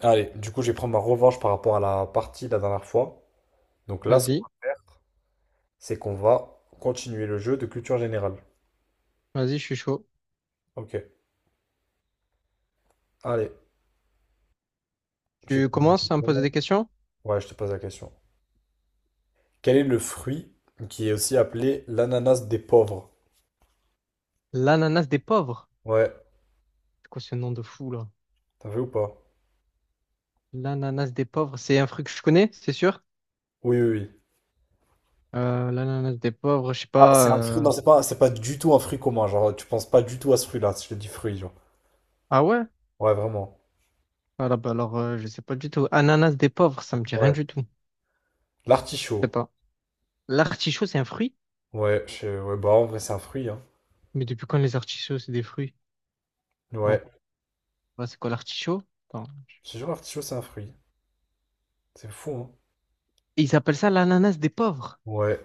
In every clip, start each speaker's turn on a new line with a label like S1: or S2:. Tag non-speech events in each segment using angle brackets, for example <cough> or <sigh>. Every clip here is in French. S1: Allez, du coup, je vais prendre ma revanche par rapport à la partie de la dernière fois. Donc là, ce qu'on
S2: Vas-y,
S1: va faire, c'est qu'on va continuer le jeu de culture générale.
S2: vas-y, je suis chaud.
S1: Ok, allez, je te
S2: Tu
S1: pose une
S2: commences à me
S1: question.
S2: poser des questions?
S1: Ouais, je te pose la question. Quel est le fruit qui est aussi appelé l'ananas des pauvres?
S2: L'ananas des pauvres.
S1: Ouais,
S2: C'est quoi ce nom de fou là?
S1: t'as vu ou pas?
S2: L'ananas des pauvres, c'est un fruit que je connais, c'est sûr.
S1: Oui, oui, oui.
S2: L'ananas des pauvres, je sais
S1: Ah, c'est
S2: pas.
S1: un fruit,
S2: euh,
S1: non, c'est pas du tout un fruit commun. Genre, tu penses pas du tout à ce fruit-là, si je te dis fruit, genre.
S2: Ah ouais?
S1: Ouais, vraiment.
S2: Voilà, bah alors je sais pas du tout. Ananas des pauvres, ça me dit rien
S1: Ouais.
S2: du tout. Je sais
S1: L'artichaut.
S2: pas. L'artichaut, c'est un fruit?
S1: Ouais, ouais, bah en vrai, c'est un fruit, hein.
S2: Mais depuis quand les artichauts, c'est des fruits? Non.
S1: Ouais.
S2: Bah, c'est quoi l'artichaut? Attends.
S1: Je te jure, l'artichaut, c'est un fruit. C'est fou, hein.
S2: Et ils appellent ça l'ananas des pauvres.
S1: Ouais.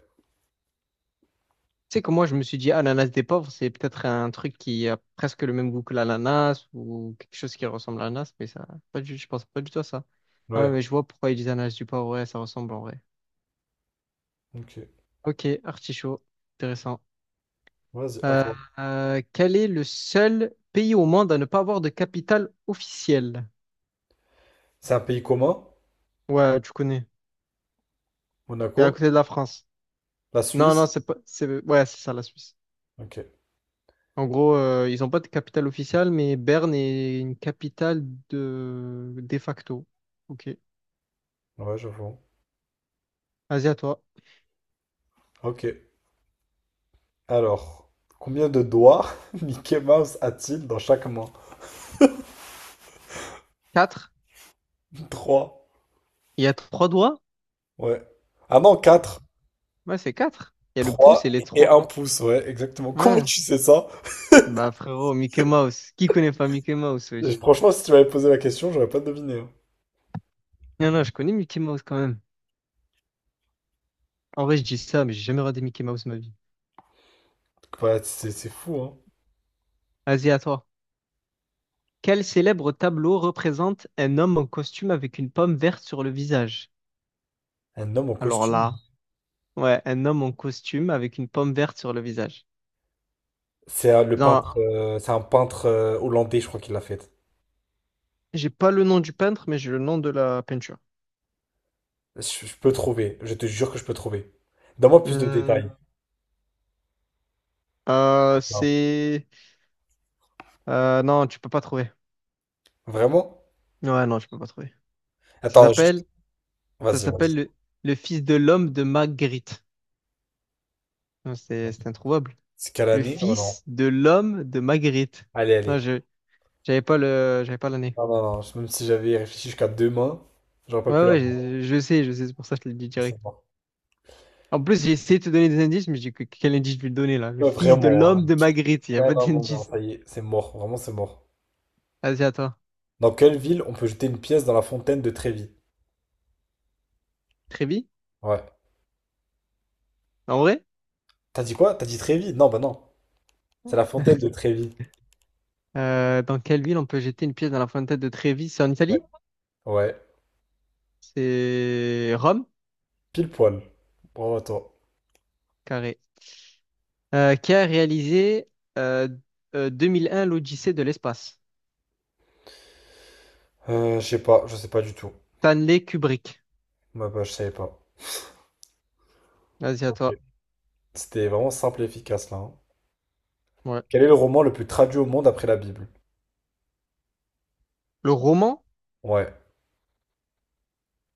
S2: Sais que moi, je me suis dit, ah l'ananas des pauvres, c'est peut-être un truc qui a presque le même goût que l'ananas ou quelque chose qui ressemble à l'ananas, mais ça, pas du, je pense pas du tout à ça. Ah ouais,
S1: Ouais,
S2: mais je vois pourquoi ils disent ananas du pauvre, ouais, ça ressemble en vrai.
S1: ok.
S2: Ok, artichaut, intéressant.
S1: Vas-y,
S2: Euh,
S1: attends.
S2: quel est le seul pays au monde à ne pas avoir de capitale officielle?
S1: C'est un pays commun?
S2: Ouais, tu connais. C'est à
S1: Monaco?
S2: côté de la France.
S1: La
S2: Non, non,
S1: Suisse?
S2: c'est pas, c'est, ouais, c'est ça, la Suisse.
S1: Ok.
S2: En gros, ils n'ont pas de capitale officielle, mais Berne est une capitale de facto. Ok.
S1: Ouais, j'avoue.
S2: Vas-y, à toi.
S1: Ok. Alors, combien de doigts <laughs> Mickey Mouse a-t-il dans chaque main?
S2: 4.
S1: Trois.
S2: Il y a trois doigts?
S1: Ouais. Ah non, quatre.
S2: Ouais, c'est 4. Il y a le pouce et
S1: Trois
S2: les
S1: et
S2: trois.
S1: un pouce, ouais, exactement. <laughs> Comment
S2: Ouais.
S1: tu sais ça?
S2: Bah frérot, Mickey Mouse. Qui connaît pas Mickey Mouse,
S1: Et
S2: wesh?
S1: franchement, si tu m'avais posé la question, j'aurais pas deviné, hein.
S2: Non, non, je connais Mickey Mouse quand même. En vrai, je dis ça, mais j'ai jamais regardé Mickey Mouse de ma vie.
S1: Ouais, c'est fou, hein.
S2: Vas-y, à toi. Quel célèbre tableau représente un homme en costume avec une pomme verte sur le visage?
S1: Un homme en
S2: Alors
S1: costume.
S2: là, ouais, un homme en costume avec une pomme verte sur le visage.
S1: C'est le peintre,
S2: Non,
S1: c'est un peintre hollandais, je crois qu'il l'a fait.
S2: j'ai pas le nom du peintre, mais j'ai le nom de la peinture.
S1: Je peux trouver. Je te jure que je peux trouver. Donne-moi plus de
S2: Hum,
S1: détails. Non.
S2: c'est... non, tu peux pas trouver.
S1: Vraiment?
S2: Ouais, non, je peux pas trouver. Ça
S1: Attends, juste.
S2: s'appelle, ça
S1: Vas-y, vas-y.
S2: s'appelle le fils de l'homme de Magritte. Non, c'est introuvable.
S1: C'est quelle
S2: Le
S1: année? Oh non.
S2: fils de l'homme de Magritte.
S1: Allez,
S2: Non,
S1: allez.
S2: j'avais pas l'année.
S1: Non, non, non. Même si j'avais réfléchi jusqu'à demain, j'aurais pas
S2: Ouais,
S1: pu
S2: ouais,
S1: l'avoir. Non,
S2: je sais, c'est pour ça que je te le dis direct.
S1: c'est mort.
S2: En plus, j'ai essayé de te donner des indices, mais j'ai dit, quel indice je vais le donner, là? Le
S1: Ouais,
S2: fils de
S1: vraiment. hein.
S2: l'homme de Magritte. Il y a
S1: Ouais,
S2: pas
S1: non, non, non,
S2: d'indice.
S1: ça y est. C'est mort. Vraiment, c'est mort.
S2: Vas-y, à toi.
S1: Dans quelle ville on peut jeter une pièce dans la fontaine de Trévis?
S2: Trévis?
S1: Ouais.
S2: En vrai?
S1: T'as dit quoi? T'as dit Trévis? Non, bah non. C'est la fontaine de Trévis.
S2: Dans quelle ville on peut jeter une pièce dans la fontaine de Trévis? C'est en
S1: Ouais.
S2: Italie?
S1: Ouais.
S2: C'est Rome?
S1: Pile poil. Bravo à toi.
S2: Carré. Qui a réalisé euh, 2001 l'Odyssée de l'espace.
S1: Je sais pas. Je sais pas du tout.
S2: Stanley Kubrick.
S1: Bah, bah, je savais pas.
S2: Vas-y, à
S1: Ok.
S2: toi.
S1: C'était vraiment simple et efficace là, hein.
S2: Ouais.
S1: Quel est le roman le plus traduit au monde après la Bible?
S2: Le roman,
S1: Ouais.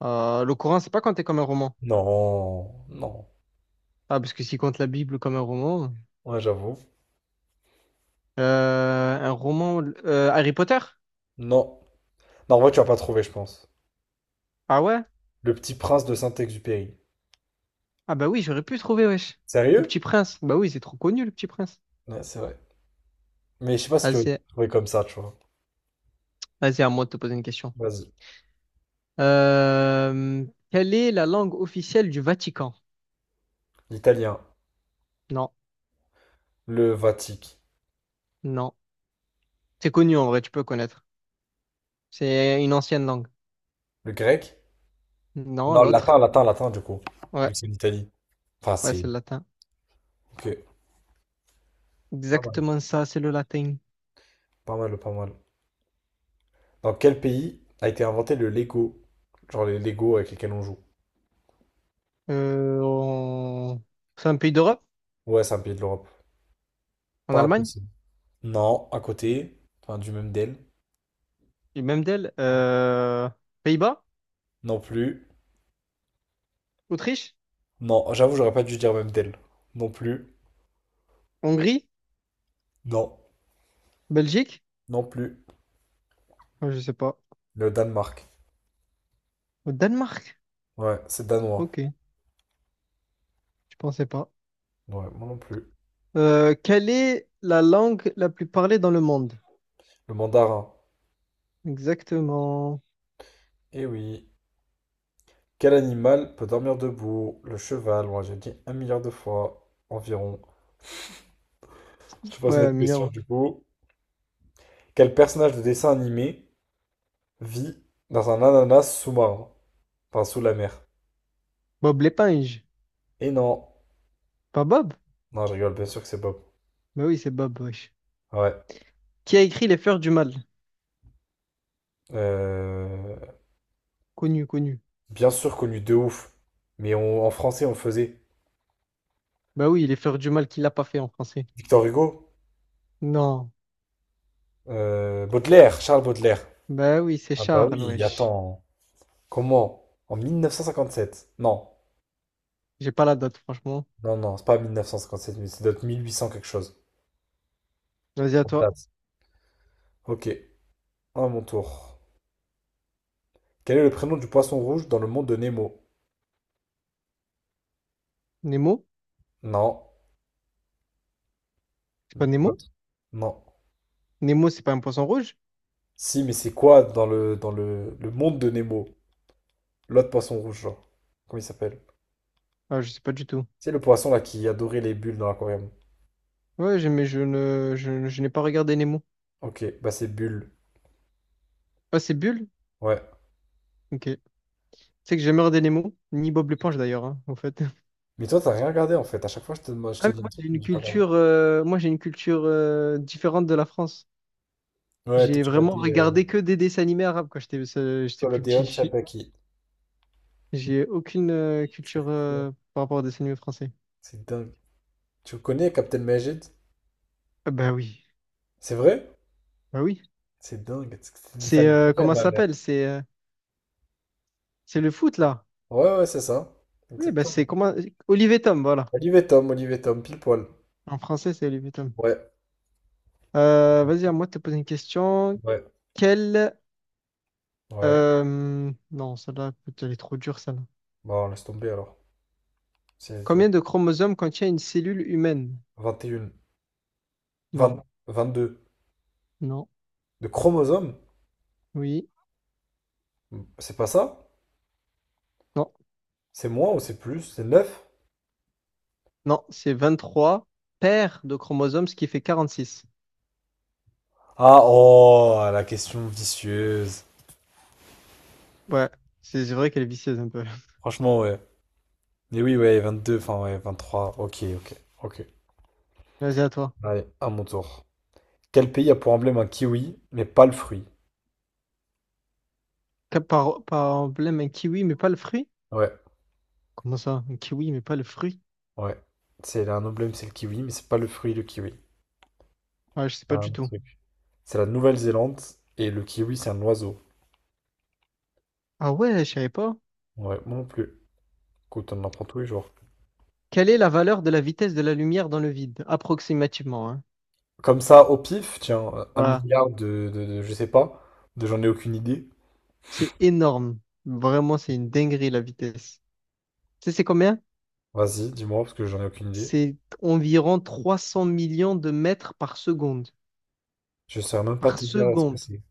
S2: le Coran, c'est pas compté comme un roman.
S1: Non, non.
S2: Ah, parce que s'il compte la Bible comme un roman.
S1: Ouais, j'avoue.
S2: Un roman. Harry Potter?
S1: Non. Non, en vrai, tu vas pas trouver, je pense.
S2: Ah ouais?
S1: Le petit prince de Saint-Exupéry.
S2: Ah bah oui, j'aurais pu trouver, wesh. Le
S1: Sérieux?
S2: Petit Prince. Bah oui, c'est trop connu, le Petit Prince.
S1: Ouais, c'est vrai. Mais je sais pas si tu veux
S2: Vas-y,
S1: trouver comme ça, tu vois.
S2: vas-y, à moi de te poser une question.
S1: Vas-y.
S2: Euh, quelle est la langue officielle du Vatican?
S1: L'italien.
S2: Non,
S1: Le vatique.
S2: non. C'est connu en vrai, tu peux connaître. C'est une ancienne langue.
S1: Le grec?
S2: Non,
S1: Non, le latin,
S2: l'autre.
S1: latin, latin, du coup. Vu
S2: Ouais,
S1: que c'est l'Italie. Enfin,
S2: ouais,
S1: c'est.
S2: c'est le latin.
S1: Ok. Pas mal.
S2: Exactement ça, c'est le latin.
S1: Pas mal, pas mal. Dans quel pays a été inventé le Lego? Genre les Lego avec lesquels on joue.
S2: Euh, on- C'est un pays d'Europe,
S1: Ouais, c'est un pays de l'Europe.
S2: en
S1: Pas
S2: Allemagne,
S1: impossible. Non, à côté. Enfin, du même d'elle.
S2: et même d'elle. Pays-Bas,
S1: Non plus.
S2: Autriche,
S1: Non, j'avoue, j'aurais pas dû dire même d'elle. Non plus.
S2: Hongrie,
S1: Non.
S2: Belgique,
S1: Non plus.
S2: Ouais, je sais pas.
S1: Le Danemark.
S2: Au Danemark,
S1: Ouais, c'est danois.
S2: ok, je pensais pas.
S1: Ouais, moi non plus.
S2: Quelle est la langue la plus parlée dans le monde?
S1: Le mandarin.
S2: Exactement.
S1: Eh oui. Quel animal peut dormir debout? Le cheval, moi j'ai dit un milliard de fois environ. Je te pose une
S2: Ouais,
S1: autre question
S2: milliard.
S1: du coup. Quel personnage de dessin animé vit dans un ananas sous-marin? Enfin, sous la mer.
S2: Bob l'éponge.
S1: Et non.
S2: Pas Bob?
S1: Non, je rigole, bien sûr que c'est Bob.
S2: Bah oui, c'est Bob, wesh.
S1: Ouais.
S2: Qui a écrit Les Fleurs du Mal?
S1: Euh,
S2: Connu, connu.
S1: Bien sûr connu de ouf. Mais en français, on le faisait.
S2: Bah oui, Les Fleurs du Mal, qui l'a pas fait en français?
S1: Victor Hugo?
S2: Non.
S1: Baudelaire, Charles Baudelaire.
S2: Ben oui, c'est
S1: Ah bah
S2: Charles,
S1: oui,
S2: wesh.
S1: attends. Comment? En 1957. Non,
S2: J'ai pas la date, franchement.
S1: non, non, c'est pas 1957, mais c'est d'autres 1800 quelque chose.
S2: Vas-y, à
S1: Comme
S2: toi.
S1: date. Ok, à mon tour. Quel est le prénom du poisson rouge dans le monde de Nemo?
S2: Nemo?
S1: Non.
S2: C'est pas Nemo?
S1: L'autre. Non.
S2: Nemo, c'est pas un poisson rouge?
S1: Si, mais c'est quoi dans le monde de Nemo? L'autre poisson rouge, genre. Comment il s'appelle?
S2: Ah, je sais pas du tout.
S1: C'est le poisson là qui adorait les bulles dans l'aquarium.
S2: Mais je ne, je n'ai pas regardé Nemo.
S1: Ok, bah c'est Bulle.
S2: Ah, c'est Bulle?
S1: Ouais.
S2: Ok. Tu sais que j'ai jamais regardé Nemo, ni Bob l'éponge d'ailleurs, hein, en fait. <laughs>
S1: Mais toi, t'as rien regardé en fait. À chaque fois, je
S2: Ah,
S1: te
S2: mais
S1: dis un
S2: moi,
S1: truc,
S2: j'ai
S1: tu me
S2: une
S1: dis pas.
S2: culture, moi, j'ai une culture différente de la France.
S1: Ouais, toi,
S2: J'ai
S1: tu vois
S2: vraiment
S1: des
S2: regardé que des dessins animés arabes quand j'étais j'étais plus petit.
S1: Colodeon
S2: <laughs>
S1: Shabaki.
S2: J'ai aucune
S1: C'est
S2: culture
S1: fou, hein.
S2: par rapport aux dessins animés français.
S1: c'est dingue. Tu connais Captain Majid?
S2: Ah, bah oui.
S1: C'est vrai?
S2: Bah oui.
S1: C'est dingue. C'est des dessins
S2: C'est,
S1: animés
S2: comment ça
S1: ma mère.
S2: s'appelle? C'est. C'est le foot, là?
S1: Ouais, ouais, c'est ça.
S2: Oui, bah, c'est
S1: Exactement.
S2: comment... Olivier Tom, voilà.
S1: Olive et Tom, pile poil.
S2: En français, c'est Olivier Tom.
S1: Ouais,
S2: Vas-y, à moi de te poser une question.
S1: ouais,
S2: Quel...
S1: ouais.
S2: Non, celle-là, écoute, elle est trop dure, celle-là.
S1: Bon, laisse tomber alors. C'est dur.
S2: Combien de chromosomes contient une cellule humaine?
S1: 21.
S2: Non,
S1: 20, 22.
S2: non,
S1: De chromosomes?
S2: oui,
S1: C'est pas ça?
S2: non,
S1: C'est moins ou c'est plus? C'est neuf
S2: non. C'est 23 paires de chromosomes, ce qui fait 46.
S1: Ah, oh, la question vicieuse.
S2: Ouais, c'est vrai qu'elle est vicieuse un peu. <laughs>
S1: Franchement, ouais. Mais oui, ouais, 22, enfin, ouais, 23. Ok, ok, ok.
S2: Vas-y, à toi.
S1: Allez, à mon tour. Quel pays a pour emblème un kiwi, mais pas le fruit?
S2: Par emblème, un kiwi, mais pas le fruit?
S1: Ouais,
S2: Comment ça? Un kiwi, mais pas le fruit?
S1: ouais. C'est un emblème, c'est le kiwi, mais c'est pas le fruit, le kiwi.
S2: Ouais, je sais
S1: C'est
S2: pas
S1: un
S2: du
S1: autre
S2: tout.
S1: truc. C'est la Nouvelle-Zélande, et le kiwi, c'est un oiseau.
S2: Ah ouais, je savais pas.
S1: Ouais, moi non plus. Écoute, on en apprend tous les jours.
S2: Quelle est la valeur de la vitesse de la lumière dans le vide? Approximativement, hein.
S1: Comme ça, au pif, tiens, un
S2: Voilà.
S1: milliard de, je sais pas, de j'en ai aucune idée.
S2: C'est énorme. Vraiment, c'est une dinguerie la vitesse. Tu sais, c'est combien?
S1: Vas-y, dis-moi, parce que j'en ai aucune idée.
S2: C'est environ 300 millions de mètres par seconde.
S1: Je saurais même pas
S2: Par
S1: te dire ce que
S2: seconde.
S1: c'est.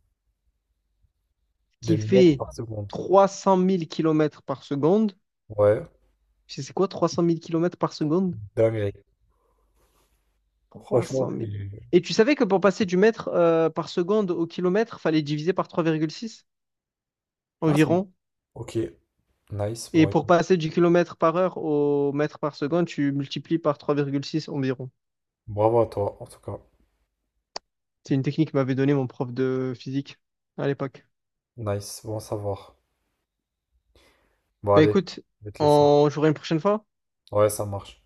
S1: Des
S2: Qui
S1: mètres
S2: fait
S1: par seconde.
S2: 300 000 kilomètres par seconde.
S1: Ouais,
S2: Tu sais, c'est quoi 300 000 kilomètres par seconde?
S1: dinguerie. Franchement,
S2: 300
S1: c'est...
S2: 000. Et tu savais que pour passer du mètre par seconde au kilomètre, fallait diviser par 3,6
S1: Ah, c'est... bon.
S2: environ?
S1: Ok, nice.
S2: Et
S1: Bon,
S2: pour
S1: écoute,
S2: passer du kilomètre par heure au mètre par seconde, tu multiplies par 3,6 environ.
S1: bravo à toi, en tout cas.
S2: C'est une technique que m'avait donnée mon prof de physique à l'époque.
S1: Nice, bon à savoir. Bon,
S2: Bah
S1: allez,
S2: écoute,
S1: je vais te laisser.
S2: on jouera une prochaine fois.
S1: Ouais, ça marche.